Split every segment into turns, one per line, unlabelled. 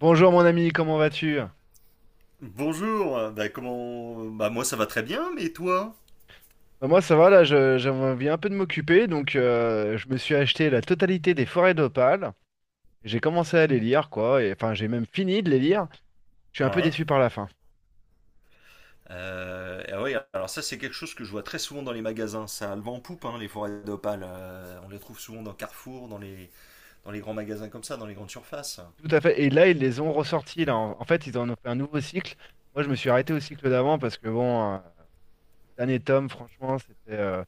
Bonjour mon ami, comment vas-tu?
Bonjour. Bah moi ça va très bien, mais toi?
Bah, moi ça va, là j'avais envie un peu de m'occuper, donc je me suis acheté la totalité des Forêts d'Opale. J'ai commencé à les lire, quoi, et enfin j'ai même fini de les lire. Je suis un peu
Ouais.
déçu par la fin.
Ah ouais, alors ça c'est quelque chose que je vois très souvent dans les magasins, ça a le vent en poupe, hein, les forêts d'Opale. On les trouve souvent dans Carrefour, dans les grands magasins comme ça, dans les grandes surfaces.
Tout à fait. Et là ils les ont ressortis, là. En fait ils en ont fait un nouveau cycle. Moi je me suis arrêté au cycle d'avant parce que bon, le dernier tome, franchement, c'était euh,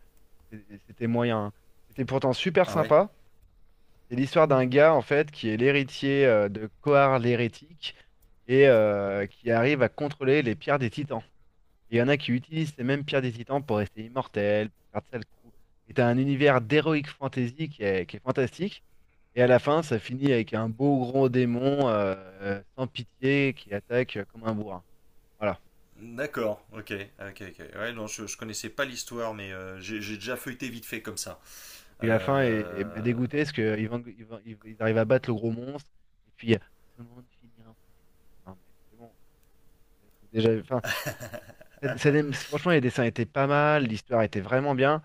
c'était c'était moyen, hein. C'était pourtant super
Ah ouais?
sympa. C'est l'histoire d'un gars en fait qui est l'héritier de Kohar l'hérétique et qui arrive à contrôler les pierres des titans. Et il y en a qui utilisent ces mêmes pierres des titans pour rester immortels, pour faire de sales coups. Et t'as un univers d'heroic fantasy qui est fantastique. Et à la fin, ça finit avec un beau gros démon sans pitié qui attaque comme un bourrin. Voilà.
D'accord, ok, ok,
Et,
ok. Ouais,
et
non, je connaissais pas l'histoire, mais j'ai déjà feuilleté vite fait comme ça.
puis la fin m'a
Euh,
dégoûté parce qu'ils ils, vont- ils vont- ils arrivent à battre le gros monstre. Et puis, ce monde finira en paix. Non mais c'est bon. Déjà, enfin, ça franchement, les dessins étaient pas mal, l'histoire était vraiment bien.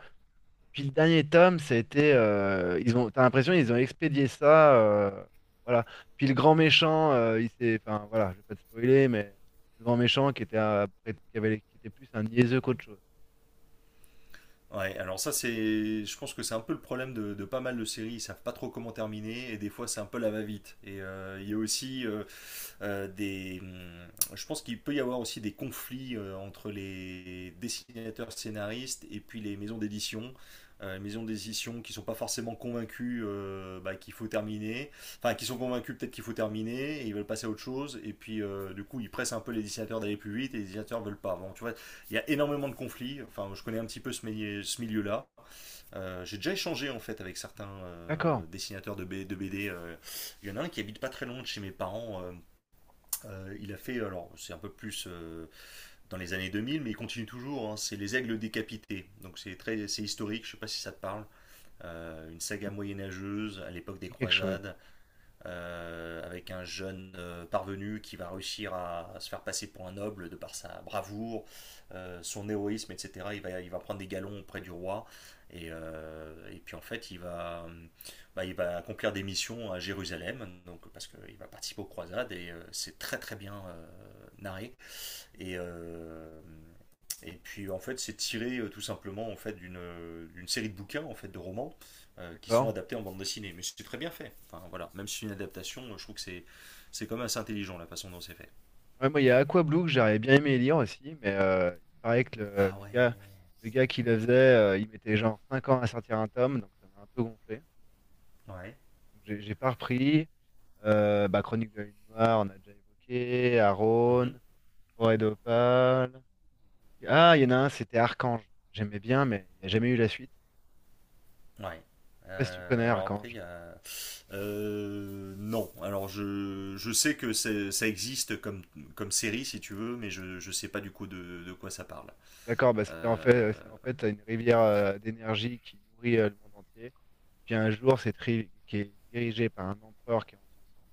Puis le dernier tome, ça a été, ils ont, t'as l'impression ils ont expédié ça, voilà. Puis le grand méchant, il s'est, enfin voilà, je vais pas te spoiler, mais le grand méchant qui était qui avait, qui était plus un niaiseux qu'autre chose.
ouais, alors ça c'est, je pense que c'est un peu le problème de pas mal de séries, ils savent pas trop comment terminer, et des fois c'est un peu la va-vite. Et il y a aussi, euh, des, hum, je pense qu'il peut y avoir aussi des conflits entre les dessinateurs scénaristes et puis les maisons d'édition. Les maisons d'édition qui sont pas forcément convaincus bah, qu'il faut terminer, enfin qui sont convaincus peut-être qu'il faut terminer et ils veulent passer à autre chose et puis du coup ils pressent un peu les dessinateurs d'aller plus vite et les dessinateurs veulent pas. Bon, tu vois, il y a énormément de conflits. Enfin, je connais un petit peu ce milieu, ce milieu-là. J'ai déjà échangé en fait avec certains
D'accord,
dessinateurs de BD. Il y en a un qui habite pas très loin de chez mes parents, il a fait, alors c'est un peu plus dans les années 2000, mais il continue toujours, hein, c'est Les Aigles décapités. Donc c'est historique, je sais pas si ça te parle. Une
ça
saga
me
moyenâgeuse à l'époque des
dit quelque chose.
croisades, avec un jeune parvenu qui va réussir à se faire passer pour un noble de par sa bravoure, son héroïsme, etc. Il va prendre des galons auprès du roi. Et puis en fait, il va accomplir des missions à Jérusalem, donc, parce qu'il va participer aux croisades, et c'est très très bien narré. Et, euh, et puis en fait, c'est tiré tout simplement en fait d'une série de bouquins en fait de romans qui sont
D'accord.
adaptés en bande dessinée. Mais c'est très bien fait. Enfin voilà, même si c'est une adaptation, je trouve que c'est quand même assez intelligent la façon dont c'est fait.
Ouais, moi, il y a Aqua Blue que j'aurais bien aimé lire aussi, mais il paraît que
Ah ouais.
le gars qui le faisait, il mettait genre 5 ans à sortir un tome, donc ça m'a un peu gonflé.
Ouais.
Donc, j'ai pas repris. Bah, Chronique de la Lune Noire, on a déjà évoqué. Aaron,
Mhm.
Forêt d'Opale. Ah, il y en a un, c'était Archange. J'aimais bien, mais il n'y a jamais eu la suite.
Ouais.
Je sais pas si tu connais
Alors après, il
Archange.
y a. Non. Alors je sais que ça existe comme série, si tu veux, mais je sais pas du coup de quoi ça parle.
D'accord, bah, c'était en
Euh,
fait, c'est en fait une rivière d'énergie qui nourrit le monde entier. Puis un jour, cette rive qui est dirigée par un empereur qui est en son centre,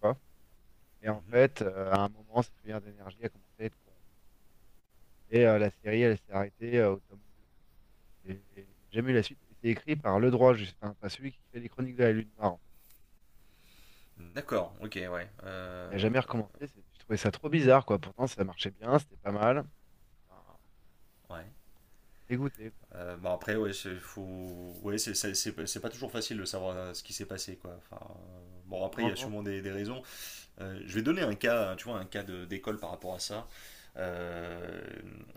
tu vois. Et en
mhm.
fait, à un moment, cette rivière d'énergie a commencé à être corrompue. Et la série, elle s'est arrêtée au tome 2. Et il n'y a jamais eu la suite. Et c'est écrit par le droit, juste, enfin, pas celui qui fait les chroniques de la Lune Noire, en fait.
D'accord, ok, ouais.
Il n'a jamais recommencé. J'ai trouvé ça trop bizarre, quoi. Pourtant, ça marchait bien, c'était pas mal. Enfin,
Ouais.
dégoûté, quoi.
Bah après, ouais, ouais, c'est pas toujours facile de savoir ce qui s'est passé, quoi. Enfin, bon, après, il
Non,
y a
non,
sûrement des raisons. Je vais donner un cas, tu vois, un cas d'école par rapport à ça. Euh,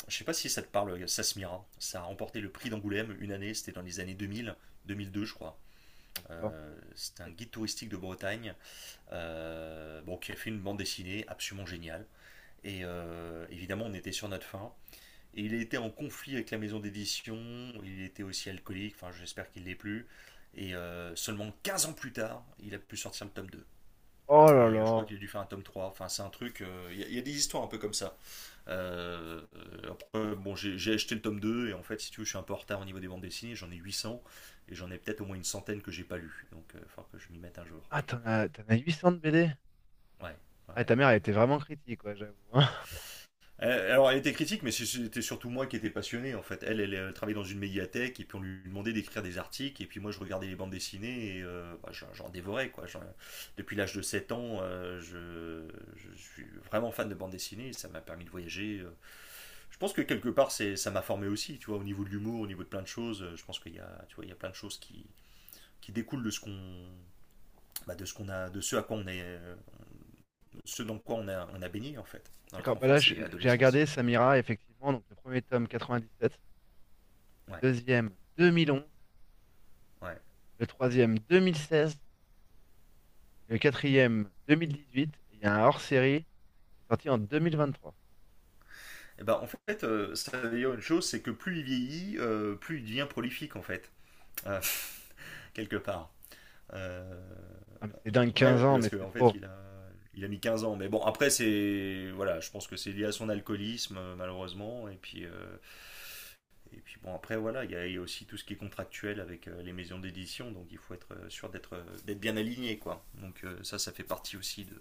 je sais pas si ça te parle, Sasmira. Ça a remporté le prix d'Angoulême une année, c'était dans les années 2000, 2002, je crois.
ça parle pas.
C'est un guide touristique de Bretagne, bon, qui a fait une bande dessinée absolument géniale. Et évidemment, on était sur notre fin. Et il était en conflit avec la maison d'édition, il était aussi alcoolique, enfin j'espère qu'il ne l'est plus. Et seulement 15 ans plus tard, il a pu sortir le tome 2.
Oh là
Et je
là.
crois qu'il a dû faire un tome 3. Enfin, c'est un truc. Y a des histoires un peu comme ça. Après, bon, j'ai acheté le tome 2. Et en fait, si tu veux, je suis un peu en retard au niveau des bandes dessinées. J'en ai 800. Et j'en ai peut-être au moins une centaine que j'ai pas lu. Donc, il va falloir que je m'y mette un jour.
Ah, t'en as 800 de BD?
Ouais, ouais,
Ah,
ouais.
ta mère, elle était vraiment critique, quoi, j'avoue, hein.
Alors, elle était critique, mais c'était surtout moi qui étais passionné, en fait. Elle, elle, elle travaillait dans une médiathèque, et puis on lui demandait d'écrire des articles, et puis moi, je regardais les bandes dessinées, et bah, j'en dévorais, quoi. Depuis l'âge de 7 ans, je suis vraiment fan de bandes dessinées, ça m'a permis de voyager. Je pense que quelque part, c'est, ça m'a formé aussi, tu vois, au niveau de l'humour, au niveau de plein de choses. Je pense qu'il y a, tu vois, il y a plein de choses qui découlent de ce qu'on, bah, de ce qu'on a, de ce à quoi on est, ce dans quoi on a baigné, en fait, dans notre
D'accord, bah là,
enfance et
j'ai
adolescence.
regardé Samira, effectivement. Donc, le premier tome, quatre-vingt-dix-sept. Le
Ouais,
deuxième, 2011.
ouais.
Le troisième, 2016. Le quatrième, 2018. Et il y a un hors-série qui est sorti en trois.
Eh ben, en fait, ça veut dire une chose, c'est que plus il vieillit, plus il devient prolifique, en fait. Euh, Quelque part. Euh,
Ah, mais c'est dingue, quinze
ouais,
ans,
parce
mais c'est
qu'en
trop.
fait,
Ça
il a mis 15 ans. Mais bon, après, c'est, voilà, je pense que c'est lié à son alcoolisme, malheureusement. Et puis bon, après, voilà, il y a aussi tout ce qui est contractuel avec les maisons d'édition, donc il faut être sûr d'être bien aligné, quoi. Donc ça fait partie aussi de,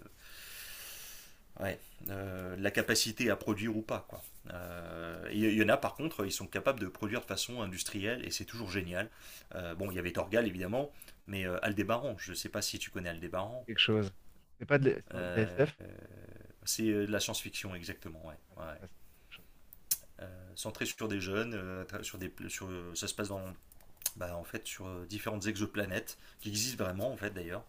ouais, la capacité à produire ou pas, quoi. Y en a par contre, ils sont capables de produire de façon industrielle et c'est toujours génial. Bon, il y avait Torgal évidemment, mais Aldébaran, je ne sais pas si tu connais
me dit
Aldébaran.
quelque chose. C'est pas c'est de la
Euh,
SF?
euh, c'est de la science-fiction exactement, ouais,
Ah,
ouais,
c'est
ouais.
pas ça, me dit quelque chose.
Centré sur des jeunes, sur des, sur, ça se passe dans, bah, en fait, sur différentes exoplanètes qui existent vraiment en fait d'ailleurs,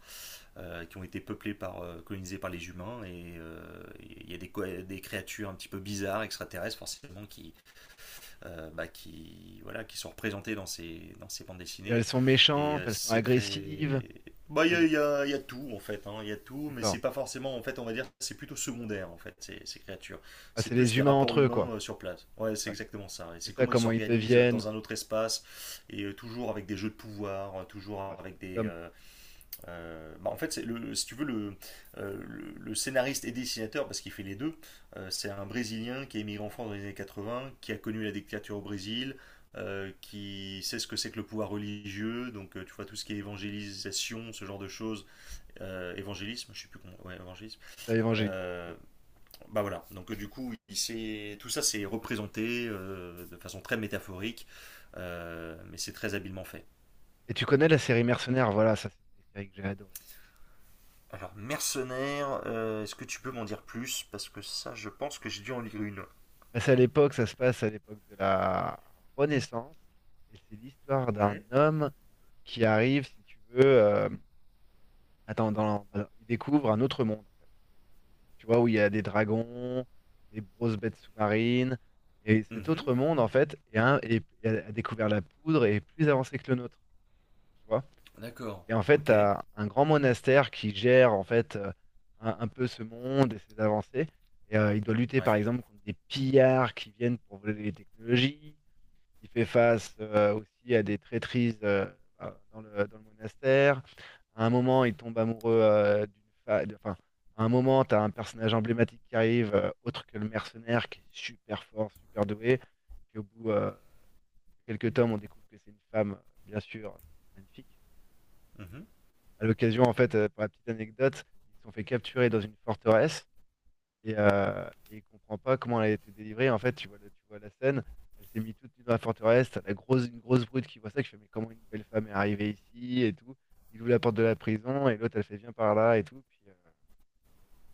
qui ont été peuplés par, colonisés par les humains, et il y a des créatures un petit peu bizarres, extraterrestres forcément, qui, bah, qui, voilà, qui sont représentées dans ces bandes
Et elles
dessinées.
sont
Et
méchantes, elles sont
c'est
agressives.
très... Bah, il y a,
elles-
il y a- il y a tout, en fait, hein, il y a tout, mais
D'accord.
c'est pas forcément, en fait, on va dire, c'est plutôt secondaire, en fait, ces créatures.
Ah,
C'est
c'est
plus
les
les
humains
rapports
entre eux, quoi.
humains sur place. Ouais, c'est
Ouais.
exactement ça. Et
C'est
c'est
ça
comment ils
comment ils
s'organisent
deviennent.
dans un autre espace, et toujours avec des jeux de pouvoir,
Ah, c'est des hommes, quoi.
bah, en fait, c'est le, si tu veux, le scénariste et dessinateur, parce qu'il fait les deux, c'est un Brésilien qui est émigré en France dans les années 80, qui a connu la dictature au Brésil, qui sait ce que c'est que le pouvoir religieux, donc tu vois tout ce qui est évangélisation, ce genre de choses, évangélisme, je sais plus comment, ouais, évangélisme.
C'est ça, évangéliste, tout à
Euh,
fait.
Bah voilà, donc du coup, tout ça c'est représenté de façon très métaphorique, mais c'est très habilement fait.
Et tu connais la série Mercenaires, voilà, ça c'est une série que j'ai adorée.
Alors, Mercenaire, est-ce que tu peux m'en dire plus? Parce que ça, je pense que j'ai dû en lire une.
Bah, c'est à l'époque, ça se passe à l'époque de la Renaissance. Et c'est l'histoire d'un
Ouais.
homme qui arrive, si tu veux, attends, dans... il découvre un autre monde, tu vois, où il y a des dragons, des grosses bêtes sous-marines. Et cet
Mhm.
autre monde, en fait, a découvert la poudre et est plus avancé que le nôtre, tu vois.
D'accord,
Et en fait,
ok.
tu as un grand monastère qui gère, en fait, un peu ce monde et ses avancées. Et il doit lutter, par
Ouais.
exemple, contre des pillards qui viennent pour voler les technologies. Il fait face aussi à des traîtrises dans le monastère. À un moment, il tombe amoureux d'une femme. Enfin, à un moment, tu as un personnage emblématique qui arrive, autre que le mercenaire, qui est super fort, super doué. Puis au bout de quelques tomes, on découvre que c'est une femme, bien sûr, magnifique.
Mhm,
À l'occasion, en fait, pour la petite anecdote, ils se sont fait capturer dans une forteresse et il comprend pas comment elle a été délivrée. En fait, tu vois, tu vois la scène, elle s'est mise toute nue dans la forteresse, t'as une grosse brute qui voit ça, qui fait, mais comment une belle femme est arrivée ici et tout. Il ouvre la porte de la prison et l'autre, elle fait, viens par là et tout, puis, euh,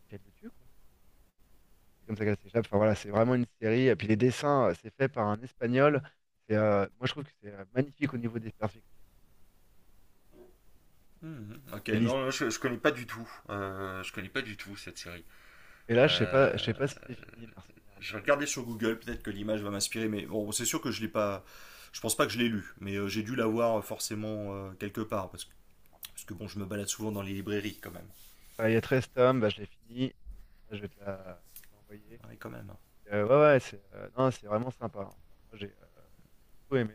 puis elle le tue, quoi. C'est comme ça qu'elle s'échappe. Enfin voilà, c'est vraiment une série. Et puis les dessins, c'est fait par un Espagnol. C'est, moi, je trouve que c'est magnifique au niveau des perspectives.
mhm. Ok,
Et, l'his-
non, non, je connais pas du tout. Je connais pas du tout cette série.
et là, je sais pas, je sais
Euh,
pas si c'est fini, Mercenaire,
je vais
d'ailleurs.
regarder sur Google, peut-être que l'image va m'inspirer, mais bon, c'est sûr que je l'ai pas. Je pense pas que je l'ai lu, mais j'ai dû l'avoir forcément quelque part, parce que, bon, je me balade souvent dans les librairies quand même.
Voilà, il y a 13 tomes, bah, je l'ai fini. Là, je vais te l'envoyer.
Ouais, quand même, hein.
Ouais, ouais, c'est non, c'est vraiment sympa, hein. Enfin, moi, j'ai tout aimé.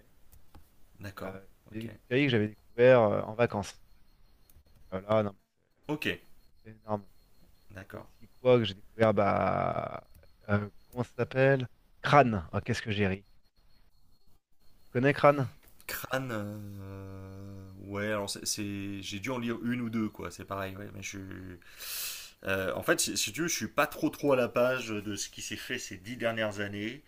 Et,
D'accord,
c'est une
ok.
série que j'avais découvert en vacances. Là, non, mais
Ok,
c'est énorme. Il y a
d'accord.
aussi quoi que j'ai découvert, bah, comment ça s'appelle? Crâne. Ah, qu'est-ce que j'ai ri. Tu connais Crâne?
Crâne, ouais, alors c'est, j'ai dû en lire une ou deux, quoi, c'est pareil, ouais, en fait, si tu veux, je suis pas trop trop à la page de ce qui s'est fait ces 10 dernières années.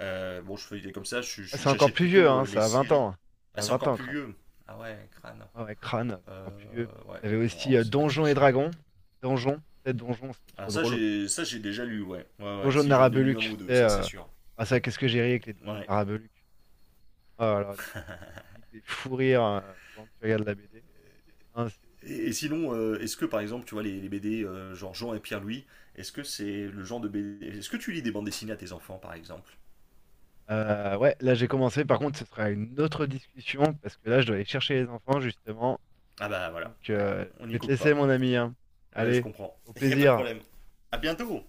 Bon, je fais comme ça,
Ah, c'est encore
j'achète
plus vieux,
plutôt
hein,
les
ça a 20
séries.
ans.
Ah,
Ça a
c'est
20
encore
ans,
plus
Crâne.
vieux. Ah ouais, crâne.
Ah ouais, Crâne, c'est encore plus vieux. Puis,
Ouais,
t'avais
non,
aussi
alors, c'est vrai que c'est
Donjons et
c'est compliqué.
Dragons.
Tout.
Donjons, c'était trop drôle aussi.
Ça j'ai déjà lu, ouais. Ouais, ouais,
Donjons de
si j'en ai
Narabeluc,
lu un
tu
ou deux,
sais.
ça c'est sûr.
Ah, ça, qu'est-ce que j'ai ri avec les Donjons de
Ouais.
Narabeluc. Ah, alors, tu piques des fous rires pendant que tu regardes la BD, hein, c'est
Et
c'est trop cool.
sinon, est-ce que par exemple, tu vois, les BD, genre Jean et Pierre-Louis, est-ce que c'est le genre de BD? Est-ce que tu lis des bandes dessinées à tes enfants par exemple?
Ouais, là j'ai commencé. Par contre, ce sera une autre discussion parce que là je dois aller chercher les enfants justement.
Ah bah voilà,
Donc,
ouais, on
je
n'y
vais te
coupe
laisser,
pas.
mon ami, hein.
Ouais, je
Allez,
comprends.
au
Il n'y a pas de
plaisir.
problème. À bientôt